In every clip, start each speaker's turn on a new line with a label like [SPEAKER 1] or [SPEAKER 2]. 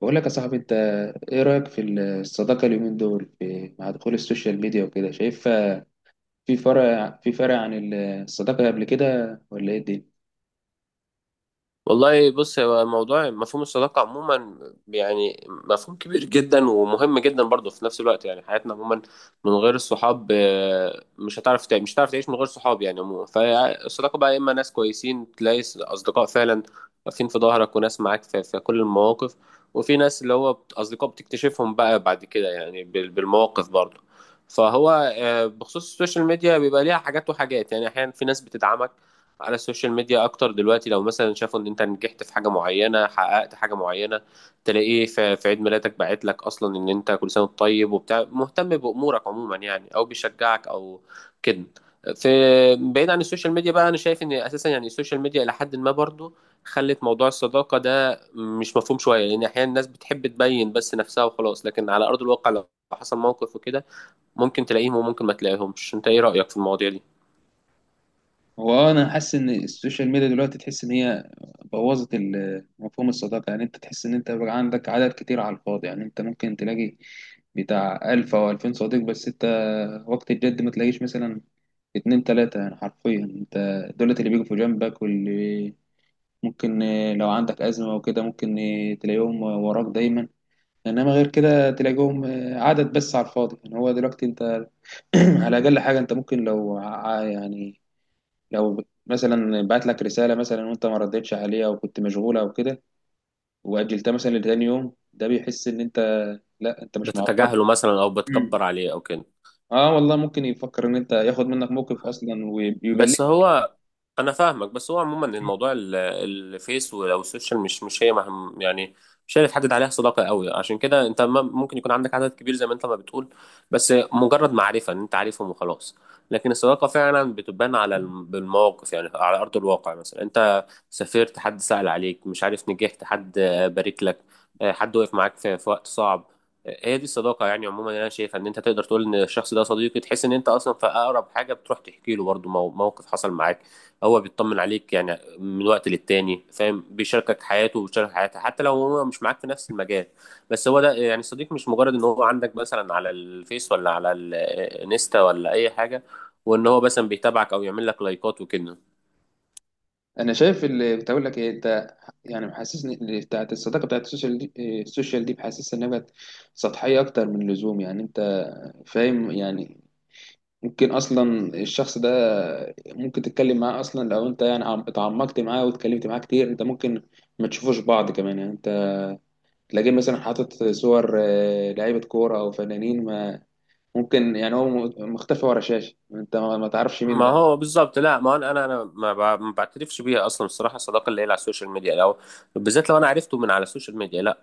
[SPEAKER 1] بقول لك يا صاحبي، انت ايه رأيك في الصداقة اليومين دول في مع دخول السوشيال ميديا وكده؟ شايف في فرق عن الصداقة قبل كده، ولا ايه الدنيا؟
[SPEAKER 2] والله، بص، هو موضوع مفهوم الصداقة عموما، يعني مفهوم كبير جدا ومهم جدا برضه في نفس الوقت، يعني حياتنا عموما من غير الصحاب، مش هتعرف مش هتعرف تعيش من غير صحاب يعني. عموما فالصداقة بقى يا إما ناس كويسين تلاقي أصدقاء فعلا واقفين في ظهرك، وناس معاك في كل المواقف. وفي ناس اللي هو أصدقاء بتكتشفهم بقى بعد كده، يعني بالمواقف برضه. فهو آه، بخصوص السوشيال ميديا بيبقى ليها حاجات وحاجات، يعني أحيانا في ناس بتدعمك على السوشيال ميديا اكتر دلوقتي، لو مثلا شافوا ان انت نجحت في حاجه معينه، حققت حاجه معينه، تلاقيه في عيد ميلادك باعت لك، اصلا ان انت كل سنه وأنت طيب وبتاع، مهتم بامورك عموما، يعني، او بيشجعك او كده. في بعيد عن السوشيال ميديا بقى، انا شايف ان اساسا يعني السوشيال ميديا الى حد ما برضو خلت موضوع الصداقه ده مش مفهوم شويه، لان احيانا الناس بتحب تبين بس نفسها وخلاص، لكن على ارض الواقع لو حصل موقف وكده ممكن تلاقيهم وممكن ما تلاقيهمش. انت ايه رايك في المواضيع دي؟
[SPEAKER 1] هو انا حاسس ان السوشيال ميديا دلوقتي تحس ان هي بوظت مفهوم الصداقة. يعني انت تحس ان انت بقى عندك عدد كتير على الفاضي. يعني انت ممكن تلاقي بتاع 1000 او 2000 صديق، بس انت وقت الجد ما تلاقيش مثلا اتنين تلاتة. يعني حرفيا انت، دولت اللي بيجوا في جنبك، واللي ممكن لو عندك أزمة وكده، ممكن تلاقيهم وراك دايما. إنما غير كده تلاقيهم عدد بس على الفاضي. يعني هو دلوقتي أنت على أقل حاجة، أنت ممكن يعني لو مثلا بعت لك رسالة مثلا وأنت ما ردتش عليها، أو كنت مشغولة أو كده، وأجلتها مثلا لتاني يوم، ده بيحس إن أنت، لا أنت مش معبر.
[SPEAKER 2] بتتجاهله مثلا او
[SPEAKER 1] مم.
[SPEAKER 2] بتكبر عليه او كده.
[SPEAKER 1] اه والله ممكن يفكر ان انت ياخد منك موقف اصلا ويبلغ.
[SPEAKER 2] بس هو، انا فاهمك، بس هو عموما الموضوع الفيس او السوشيال مش هي مهم يعني، مش هي اللي تحدد عليها صداقه قوي. عشان كده انت ممكن يكون عندك عدد كبير زي ما انت ما بتقول، بس مجرد معرفه ان انت عارفهم وخلاص. لكن الصداقه فعلا بتبان على بالمواقف، يعني على ارض الواقع. مثلا انت سافرت، حد سأل عليك، مش عارف، نجحت، حد بارك لك، حد وقف معاك في وقت صعب. هي دي الصداقه. يعني عموما انا شايفها ان انت تقدر تقول ان الشخص ده صديقي، تحس ان انت اصلا في اقرب حاجه بتروح تحكي له برضه موقف حصل معاك. هو بيطمن عليك يعني من وقت للتاني، فاهم، بيشاركك حياته وبيشارك حياتك، حتى لو هو مش معاك في نفس المجال، بس هو ده يعني صديق. مش مجرد ان هو عندك مثلا على الفيس، ولا على الانستا، ولا اي حاجه، وان هو مثلا بيتابعك او يعمل لك لايكات وكده.
[SPEAKER 1] انا شايف اللي بتقول لك ايه انت. يعني محسسني اللي بتاعت الصداقة بتاعت السوشيال دي، السوشيال دي بحسسها إنها بقت سطحية أكتر من اللزوم. يعني أنت فاهم. يعني ممكن أصلا الشخص ده، ممكن تتكلم معاه أصلا لو أنت يعني اتعمقت معاه واتكلمت معاه كتير، أنت ممكن ما تشوفوش بعض كمان. يعني أنت تلاقيه مثلا حاطط صور لعيبة كورة أو فنانين، ما ممكن يعني هو مختفي ورا شاشة، أنت ما تعرفش مين
[SPEAKER 2] ما
[SPEAKER 1] ده.
[SPEAKER 2] هو بالظبط. لا، ما انا ما بعترفش بيها اصلا الصراحه. الصداقه اللي هي على السوشيال ميديا، لو بالذات لو انا عرفته من على السوشيال ميديا، لا،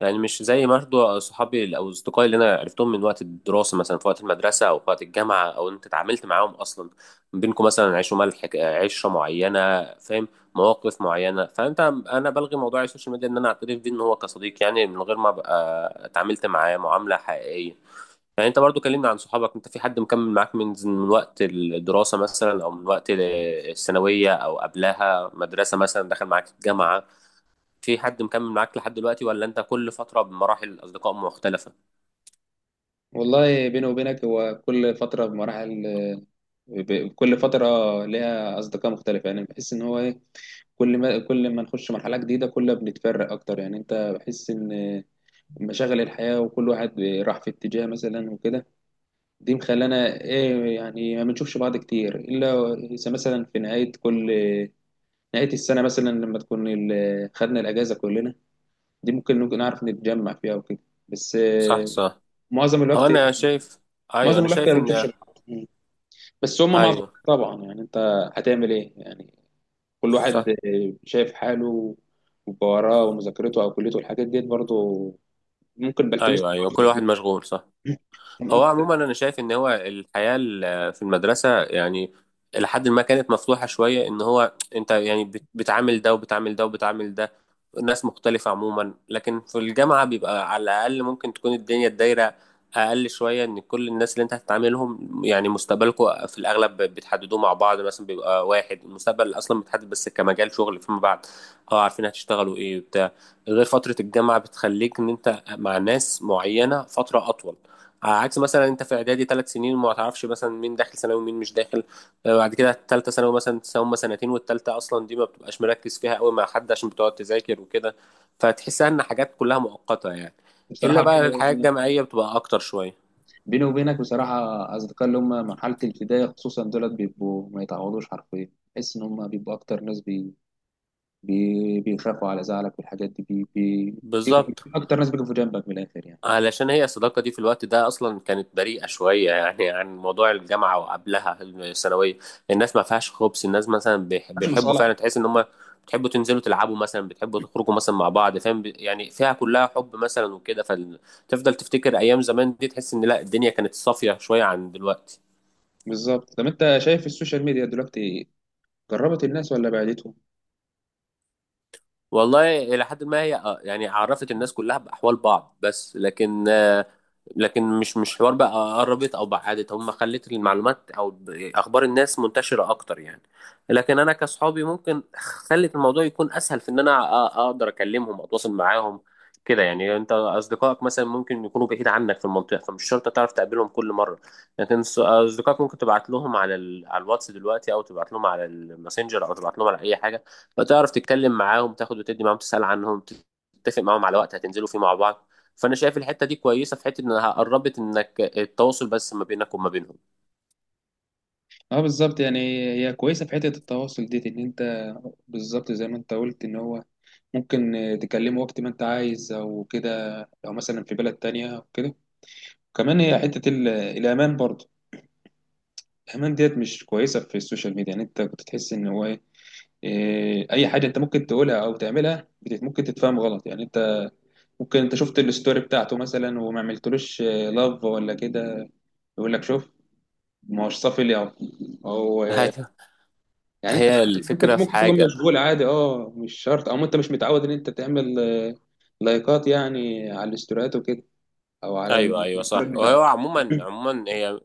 [SPEAKER 2] يعني مش زي برضه صحابي او اصدقائي اللي انا عرفتهم من وقت الدراسه مثلا، في وقت المدرسه او في وقت الجامعه، او انت اتعاملت معاهم اصلا، بينكم مثلا عيش وملح، عشره معينه، فاهم، مواقف معينه. فانت انا بلغي موضوع السوشيال ميديا ان انا اعترف بيه ان هو كصديق، يعني من غير ما ابقى اتعاملت معاه معامله حقيقيه. يعني انت برضو كلمنا عن صحابك، انت في حد مكمل معاك من وقت الدراسه مثلا، او من وقت الثانويه او قبلها مدرسه مثلا دخل معاك الجامعه، في حد مكمل معاك لحد دلوقتي، ولا انت كل فترة بمراحل أصدقاء مختلفة؟
[SPEAKER 1] والله بيني وبينك، هو كل فترة بمراحل، كل فترة ليها أصدقاء مختلفة. يعني بحس إن هو إيه، كل ما نخش مرحلة جديدة، كل ما بنتفرق أكتر. يعني أنت بحس إن مشاغل الحياة، وكل واحد راح في اتجاه مثلا وكده، دي مخلانا إيه. يعني ما بنشوفش بعض كتير، إلا إذا مثلا في نهاية السنة مثلا، لما تكون خدنا الأجازة كلنا، دي ممكن نكون نعرف نتجمع فيها وكده. بس
[SPEAKER 2] صح، صح.
[SPEAKER 1] معظم
[SPEAKER 2] هو
[SPEAKER 1] الوقت،
[SPEAKER 2] أنا شايف. أيوه،
[SPEAKER 1] معظم
[SPEAKER 2] أنا
[SPEAKER 1] الوقت ما
[SPEAKER 2] شايف إن.
[SPEAKER 1] بنشوفش بعض، بس هما معظم
[SPEAKER 2] أيوه.
[SPEAKER 1] طبعا. يعني أنت هتعمل إيه؟ يعني كل واحد
[SPEAKER 2] صح.
[SPEAKER 1] شايف حاله، وبقى وراه ومذاكرته او كليته والحاجات ديت برضه، ممكن بلتمس
[SPEAKER 2] أيوه، أيوه، كل
[SPEAKER 1] أكتر فيه.
[SPEAKER 2] واحد مشغول. صح.
[SPEAKER 1] تمام.
[SPEAKER 2] هو عموما انا شايف ان هو الحياه في المدرسه، يعني لحد ما كانت مفتوحه شويه، ان هو انت يعني بتعامل ده وبتعامل ده وبتعامل ده، ناس مختلفه عموما. لكن في الجامعه بيبقى على الاقل ممكن تكون الدنيا الدايره اقل شويه، ان كل الناس اللي انت هتتعاملهم يعني مستقبلكم في الاغلب بتحددوه مع بعض مثلا. بيبقى واحد المستقبل اصلا متحدد بس كمجال شغل فيما بعد، اه، عارفين هتشتغلوا ايه بتاع غير فتره الجامعه بتخليك ان انت مع ناس معينه فتره اطول، عكس مثلا انت في اعدادي ثلاث سنين وما تعرفش مثلا مين داخل ثانوي ومين مش داخل. بعد كده الثالثه ثانوي مثلا هما سنتين، والثالثه اصلا دي ما بتبقاش مركز فيها قوي مع حد عشان بتقعد تذاكر وكده، فتحسها ان حاجات كلها مؤقته يعني. الا
[SPEAKER 1] بصراحه
[SPEAKER 2] بقى الحياه
[SPEAKER 1] بيني
[SPEAKER 2] الجامعيه بتبقى اكتر شويه.
[SPEAKER 1] بيني وبينك بصراحه، اصدقاء اللي هم مرحله الابتدائي خصوصا دولت، بيبقوا ما يتعوضوش حرفيا. تحس ان هم بيبقوا اكتر ناس، بيخافوا على زعلك والحاجات دي، بي...
[SPEAKER 2] بالظبط.
[SPEAKER 1] اكتر ناس بيقفوا جنبك من الاخر، يعني
[SPEAKER 2] علشان هي الصداقة دي في الوقت ده أصلا كانت بريئة شوية، يعني عن موضوع الجامعة وقبلها الثانوية، الناس ما فيهاش خبز. الناس مثلا
[SPEAKER 1] مش
[SPEAKER 2] بيحبوا
[SPEAKER 1] مصالح.
[SPEAKER 2] فعلا، تحس إن هم بتحبوا تنزلوا تلعبوا مثلا، بتحبوا تخرجوا مثلا مع بعض، فاهم، يعني فيها كلها حب مثلا وكده. فتفضل تفتكر أيام زمان دي تحس إن لا الدنيا كانت صافية شوية عن دلوقتي.
[SPEAKER 1] بالظبط. طب انت شايف السوشيال ميديا دلوقتي قربت الناس ولا بعدتهم؟
[SPEAKER 2] والله إلى حد ما هي، يعني عرفت الناس كلها بأحوال بعض بس، لكن مش حوار بقى قربت او بعدت. هم خلت المعلومات او اخبار الناس منتشره اكتر يعني. لكن انا كصحابي ممكن خلت الموضوع يكون اسهل في ان انا اقدر اكلمهم، اتواصل معاهم كده. يعني انت اصدقائك مثلا ممكن يكونوا بعيد عنك في المنطقه، فمش شرط تعرف تقابلهم كل مره. لكن اصدقائك ممكن تبعت لهم على على الواتس دلوقتي، او تبعت لهم على الماسنجر، او تبعت لهم على اي حاجه. فتعرف تتكلم معاهم، تاخد وتدي معاهم، تسال عنهم، تتفق معاهم على وقت هتنزلوا فيه مع بعض. فانا شايف الحته دي كويسه، في حته انها قربت انك التواصل بس ما بينك وما بينهم.
[SPEAKER 1] اه بالظبط. يعني هي كويسه في حته التواصل ديت، ان انت بالظبط زي ما انت قلت، ان هو ممكن تكلمه وقت ما انت عايز او كده، او مثلا في بلد تانية او كده. كمان هي حته الامان برضه، الامان ديت مش كويسه في السوشيال ميديا. يعني انت كنت تحس ان هو ايه، اي حاجه انت ممكن تقولها او تعملها ممكن تتفهم غلط. يعني انت، ممكن انت شفت الستوري بتاعته مثلا وما عملتلوش لاف ولا كده، يقول لك شوف، ما هوش صافي لي، او
[SPEAKER 2] ايوه،
[SPEAKER 1] يعني انت
[SPEAKER 2] هي
[SPEAKER 1] عادي،
[SPEAKER 2] الفكره
[SPEAKER 1] ممكن
[SPEAKER 2] في
[SPEAKER 1] ممكن تكون
[SPEAKER 2] حاجه.
[SPEAKER 1] مشغول عادي، اه مش شرط، او انت مش متعود ان انت تعمل لايكات، يعني على الاستوريات وكده، او على
[SPEAKER 2] ايوه، ايوه،
[SPEAKER 1] الفرق
[SPEAKER 2] صح.
[SPEAKER 1] ده.
[SPEAKER 2] وهو عموما هي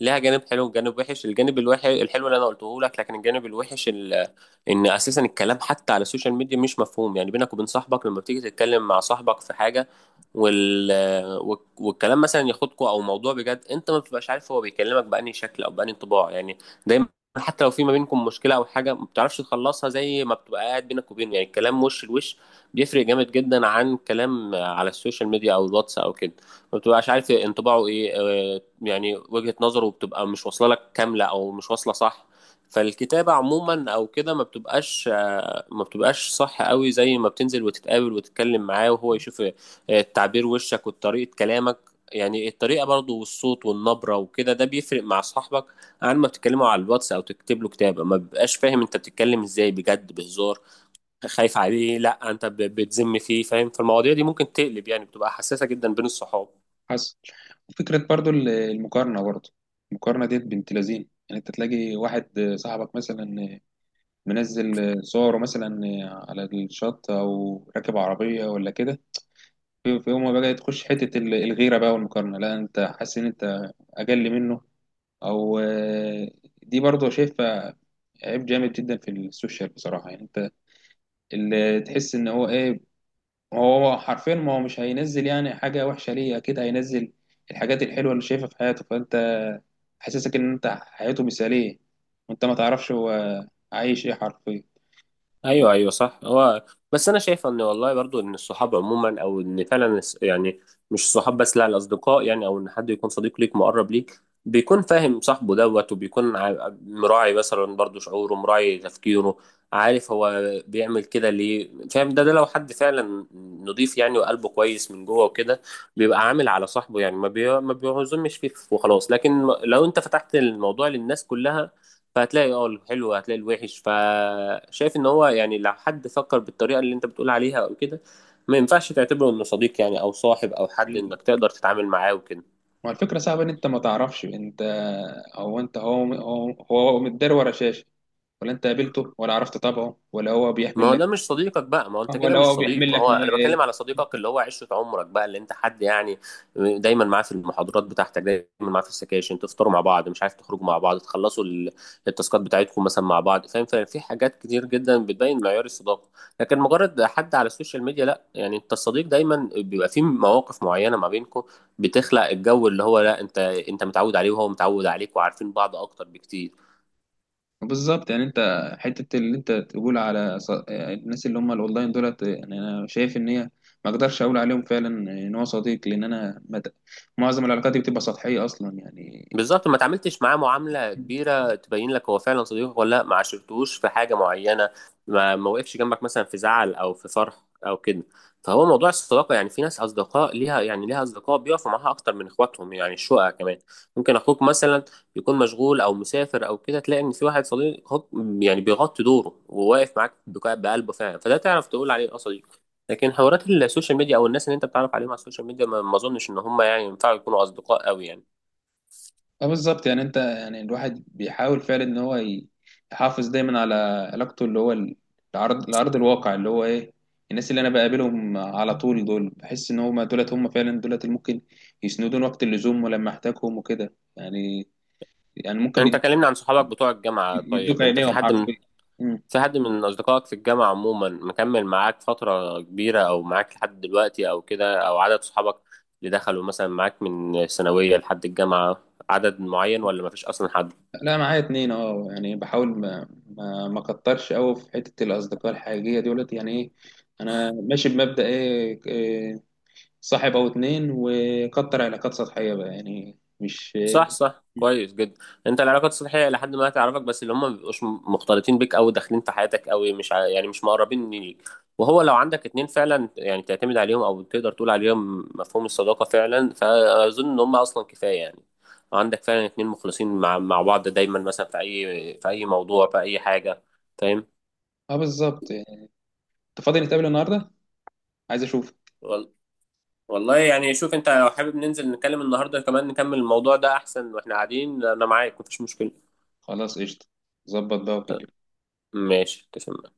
[SPEAKER 2] لها جانب حلو وجانب وحش. الجانب الوحش، الحلو اللي انا قلته لك، لكن الجانب الوحش ان اساسا الكلام حتى على السوشيال ميديا مش مفهوم، يعني بينك وبين صاحبك لما بتيجي تتكلم مع صاحبك في حاجه، وال... والكلام مثلا ياخدكوا او موضوع بجد، انت ما بتبقاش عارف هو بيكلمك بأني شكل او بأني انطباع، يعني دايما حتى لو في ما بينكم مشكله او حاجه ما بتعرفش تخلصها زي ما بتبقى قاعد بينك وبينه. يعني الكلام وش لوش بيفرق جامد جدا عن كلام على السوشيال ميديا او الواتس او كده، ما بتبقاش عارف انطباعه ايه، يعني وجهة نظره بتبقى مش واصله لك كامله او مش واصله صح. فالكتابة عموما او كده ما بتبقاش صح قوي زي ما بتنزل وتتقابل وتتكلم معاه وهو يشوف تعبير وشك وطريقة كلامك، يعني الطريقة برضو، والصوت والنبرة وكده، ده بيفرق مع صاحبك عن ما بتتكلموا على الواتس او تكتب له كتابة ما بيبقاش فاهم انت بتتكلم ازاي، بجد، بهزار، خايف عليه، لا انت بتذم فيه، فاهم؟ فالمواضيع دي ممكن تقلب، يعني بتبقى حساسة جدا بين الصحاب.
[SPEAKER 1] حصل فكرة برضو المقارنة برضو، المقارنة ديت بنت لذين. يعني انت تلاقي واحد صاحبك مثلا منزل صوره مثلا على الشط او راكب عربية ولا كده، في في يوم ما بقى تخش حتة الغيرة بقى والمقارنة، لا انت حاسس ان انت اقل منه، او دي برضو شايفها عيب جامد جدا في السوشيال بصراحة. يعني انت اللي تحس ان هو ايه، هو حرفيا، ما هو مش هينزل يعني حاجة وحشة ليه، اكيد هينزل الحاجات الحلوة اللي شايفها في حياته. فانت حاسسك ان انت حياته مثالية، وانت ما تعرفش هو عايش ايه حرفيا.
[SPEAKER 2] ايوه، ايوه، صح. هو بس انا شايف ان والله برضو ان الصحاب عموما، او ان فعلا يعني مش الصحاب بس، لا، الاصدقاء يعني، او ان حد يكون صديق ليك مقرب ليك بيكون فاهم صاحبه دوت، وبيكون مراعي مثلا برضو شعوره، مراعي تفكيره، عارف هو بيعمل كده ليه، فاهم؟ ده لو حد فعلا نضيف يعني وقلبه كويس من جوه وكده بيبقى عامل على صاحبه، يعني ما بيعزمش فيه وخلاص. لكن لو انت فتحت الموضوع للناس كلها فهتلاقي اه الحلو، هتلاقي الوحش. فشايف ان هو يعني لو حد فكر بالطريقه اللي انت بتقول عليها او كده، ما ينفعش تعتبره انه صديق، يعني او صاحب او حد انك تقدر تتعامل معاه وكده.
[SPEAKER 1] ما الفكرة صعبة ان انت ما تعرفش انت، هو متدار ورا شاشة، ولا انت قابلته، ولا عرفت طبعه،
[SPEAKER 2] ما هو ده مش صديقك بقى، ما هو انت كده
[SPEAKER 1] ولا
[SPEAKER 2] مش
[SPEAKER 1] هو بيحمل
[SPEAKER 2] صديق.
[SPEAKER 1] لك
[SPEAKER 2] هو
[SPEAKER 1] نوايا
[SPEAKER 2] انا بتكلم
[SPEAKER 1] ايه.
[SPEAKER 2] على صديقك اللي هو عشرة عمرك بقى، اللي انت حد، يعني دايما معاه في المحاضرات بتاعتك، دايما معاه في السكاشن، تفطروا مع بعض، مش عارف، تخرجوا مع بعض، تخلصوا التاسكات بتاعتكم مثلا مع بعض، فاهم؟ ففي حاجات كتير جدا بتبين معيار الصداقة. لكن مجرد حد على السوشيال ميديا، لا يعني. انت الصديق دايما بيبقى فيه مواقف معينة ما بينكم بتخلق الجو اللي هو لا، انت متعود عليه وهو متعود عليك، وعارفين بعض اكتر بكتير.
[SPEAKER 1] بالظبط. يعني انت حته اللي انت تقول على الناس اللي هم الاونلاين دولت، يعني انا شايف ان هي ما اقدرش اقول عليهم فعلا ان هو صديق، لان انا ما ت- معظم العلاقات دي بتبقى سطحيه اصلا. يعني
[SPEAKER 2] بالظبط، ما تعاملتش معاه معاملة كبيرة تبين لك هو فعلا صديقك ولا لا، ما عاشرتوش في حاجة معينة، ما وقفش جنبك مثلا في زعل أو في فرح أو كده. فهو موضوع الصداقة، يعني في ناس أصدقاء ليها، يعني ليها أصدقاء بيقفوا معاها أكتر من إخواتهم. يعني الشقق كمان ممكن أخوك مثلا يكون مشغول أو مسافر أو كده، تلاقي إن في واحد صديق يعني بيغطي دوره وواقف معاك بقلبه فعلا، فده تعرف تقول عليه أه صديق. لكن حوارات السوشيال ميديا أو الناس اللي أنت بتعرف عليهم على السوشيال ميديا ما أظنش إن هم يعني ينفعوا يكونوا أصدقاء أوي يعني.
[SPEAKER 1] اه بالظبط. يعني انت، يعني الواحد بيحاول فعلا ان هو يحافظ دايما على علاقته اللي هو العرض، الواقع اللي هو ايه، الناس اللي انا بقابلهم على طول، دول بحس ان هم دولت هم فعلا دولت اللي ممكن يسندون وقت اللزوم ولما احتاجهم وكده. يعني يعني
[SPEAKER 2] انت
[SPEAKER 1] ممكن
[SPEAKER 2] كلمني عن صحابك بتوع الجامعة.
[SPEAKER 1] يدوك
[SPEAKER 2] طيب انت
[SPEAKER 1] عينيهم حرفيا. مم.
[SPEAKER 2] في حد من اصدقائك في الجامعة عموما مكمل معاك فترة كبيرة او معاك لحد دلوقتي او كده؟ او عدد صحابك اللي دخلوا مثلا معاك من الثانوية لحد الجامعة عدد معين، ولا مفيش اصلا حد؟
[SPEAKER 1] لا معايا اتنين. اه يعني بحاول ما اكترش قوي في حته الاصدقاء الحقيقيه دولت. يعني ايه، انا ماشي بمبدأ إيه، صاحب او اتنين، وكتر علاقات سطحيه بقى، يعني مش
[SPEAKER 2] صح، صح، كويس جدا. انت العلاقات السطحيه لحد ما تعرفك بس، اللي هم ما بيبقوش مختلطين بيك قوي، داخلين في حياتك قوي، مش يعني مش مقربين ليك. وهو لو عندك اتنين فعلا يعني تعتمد عليهم او تقدر تقول عليهم مفهوم الصداقه فعلا، فاظن ان هم اصلا كفايه. يعني عندك فعلا اتنين مخلصين مع بعض دايما مثلا في اي موضوع، في اي حاجه، فاهم؟
[SPEAKER 1] اه بالظبط. يعني انت فاضي نتقابل النهارده؟ عايز اشوف.
[SPEAKER 2] وال- والله يعني شوف انت لو حابب ننزل نتكلم النهارده كمان نكمل الموضوع ده احسن واحنا قاعدين، انا معاك مفيش مشكله.
[SPEAKER 1] خلاص قشطه، ظبط بقى
[SPEAKER 2] ت-
[SPEAKER 1] وكلمني.
[SPEAKER 2] ماشي، تسلم.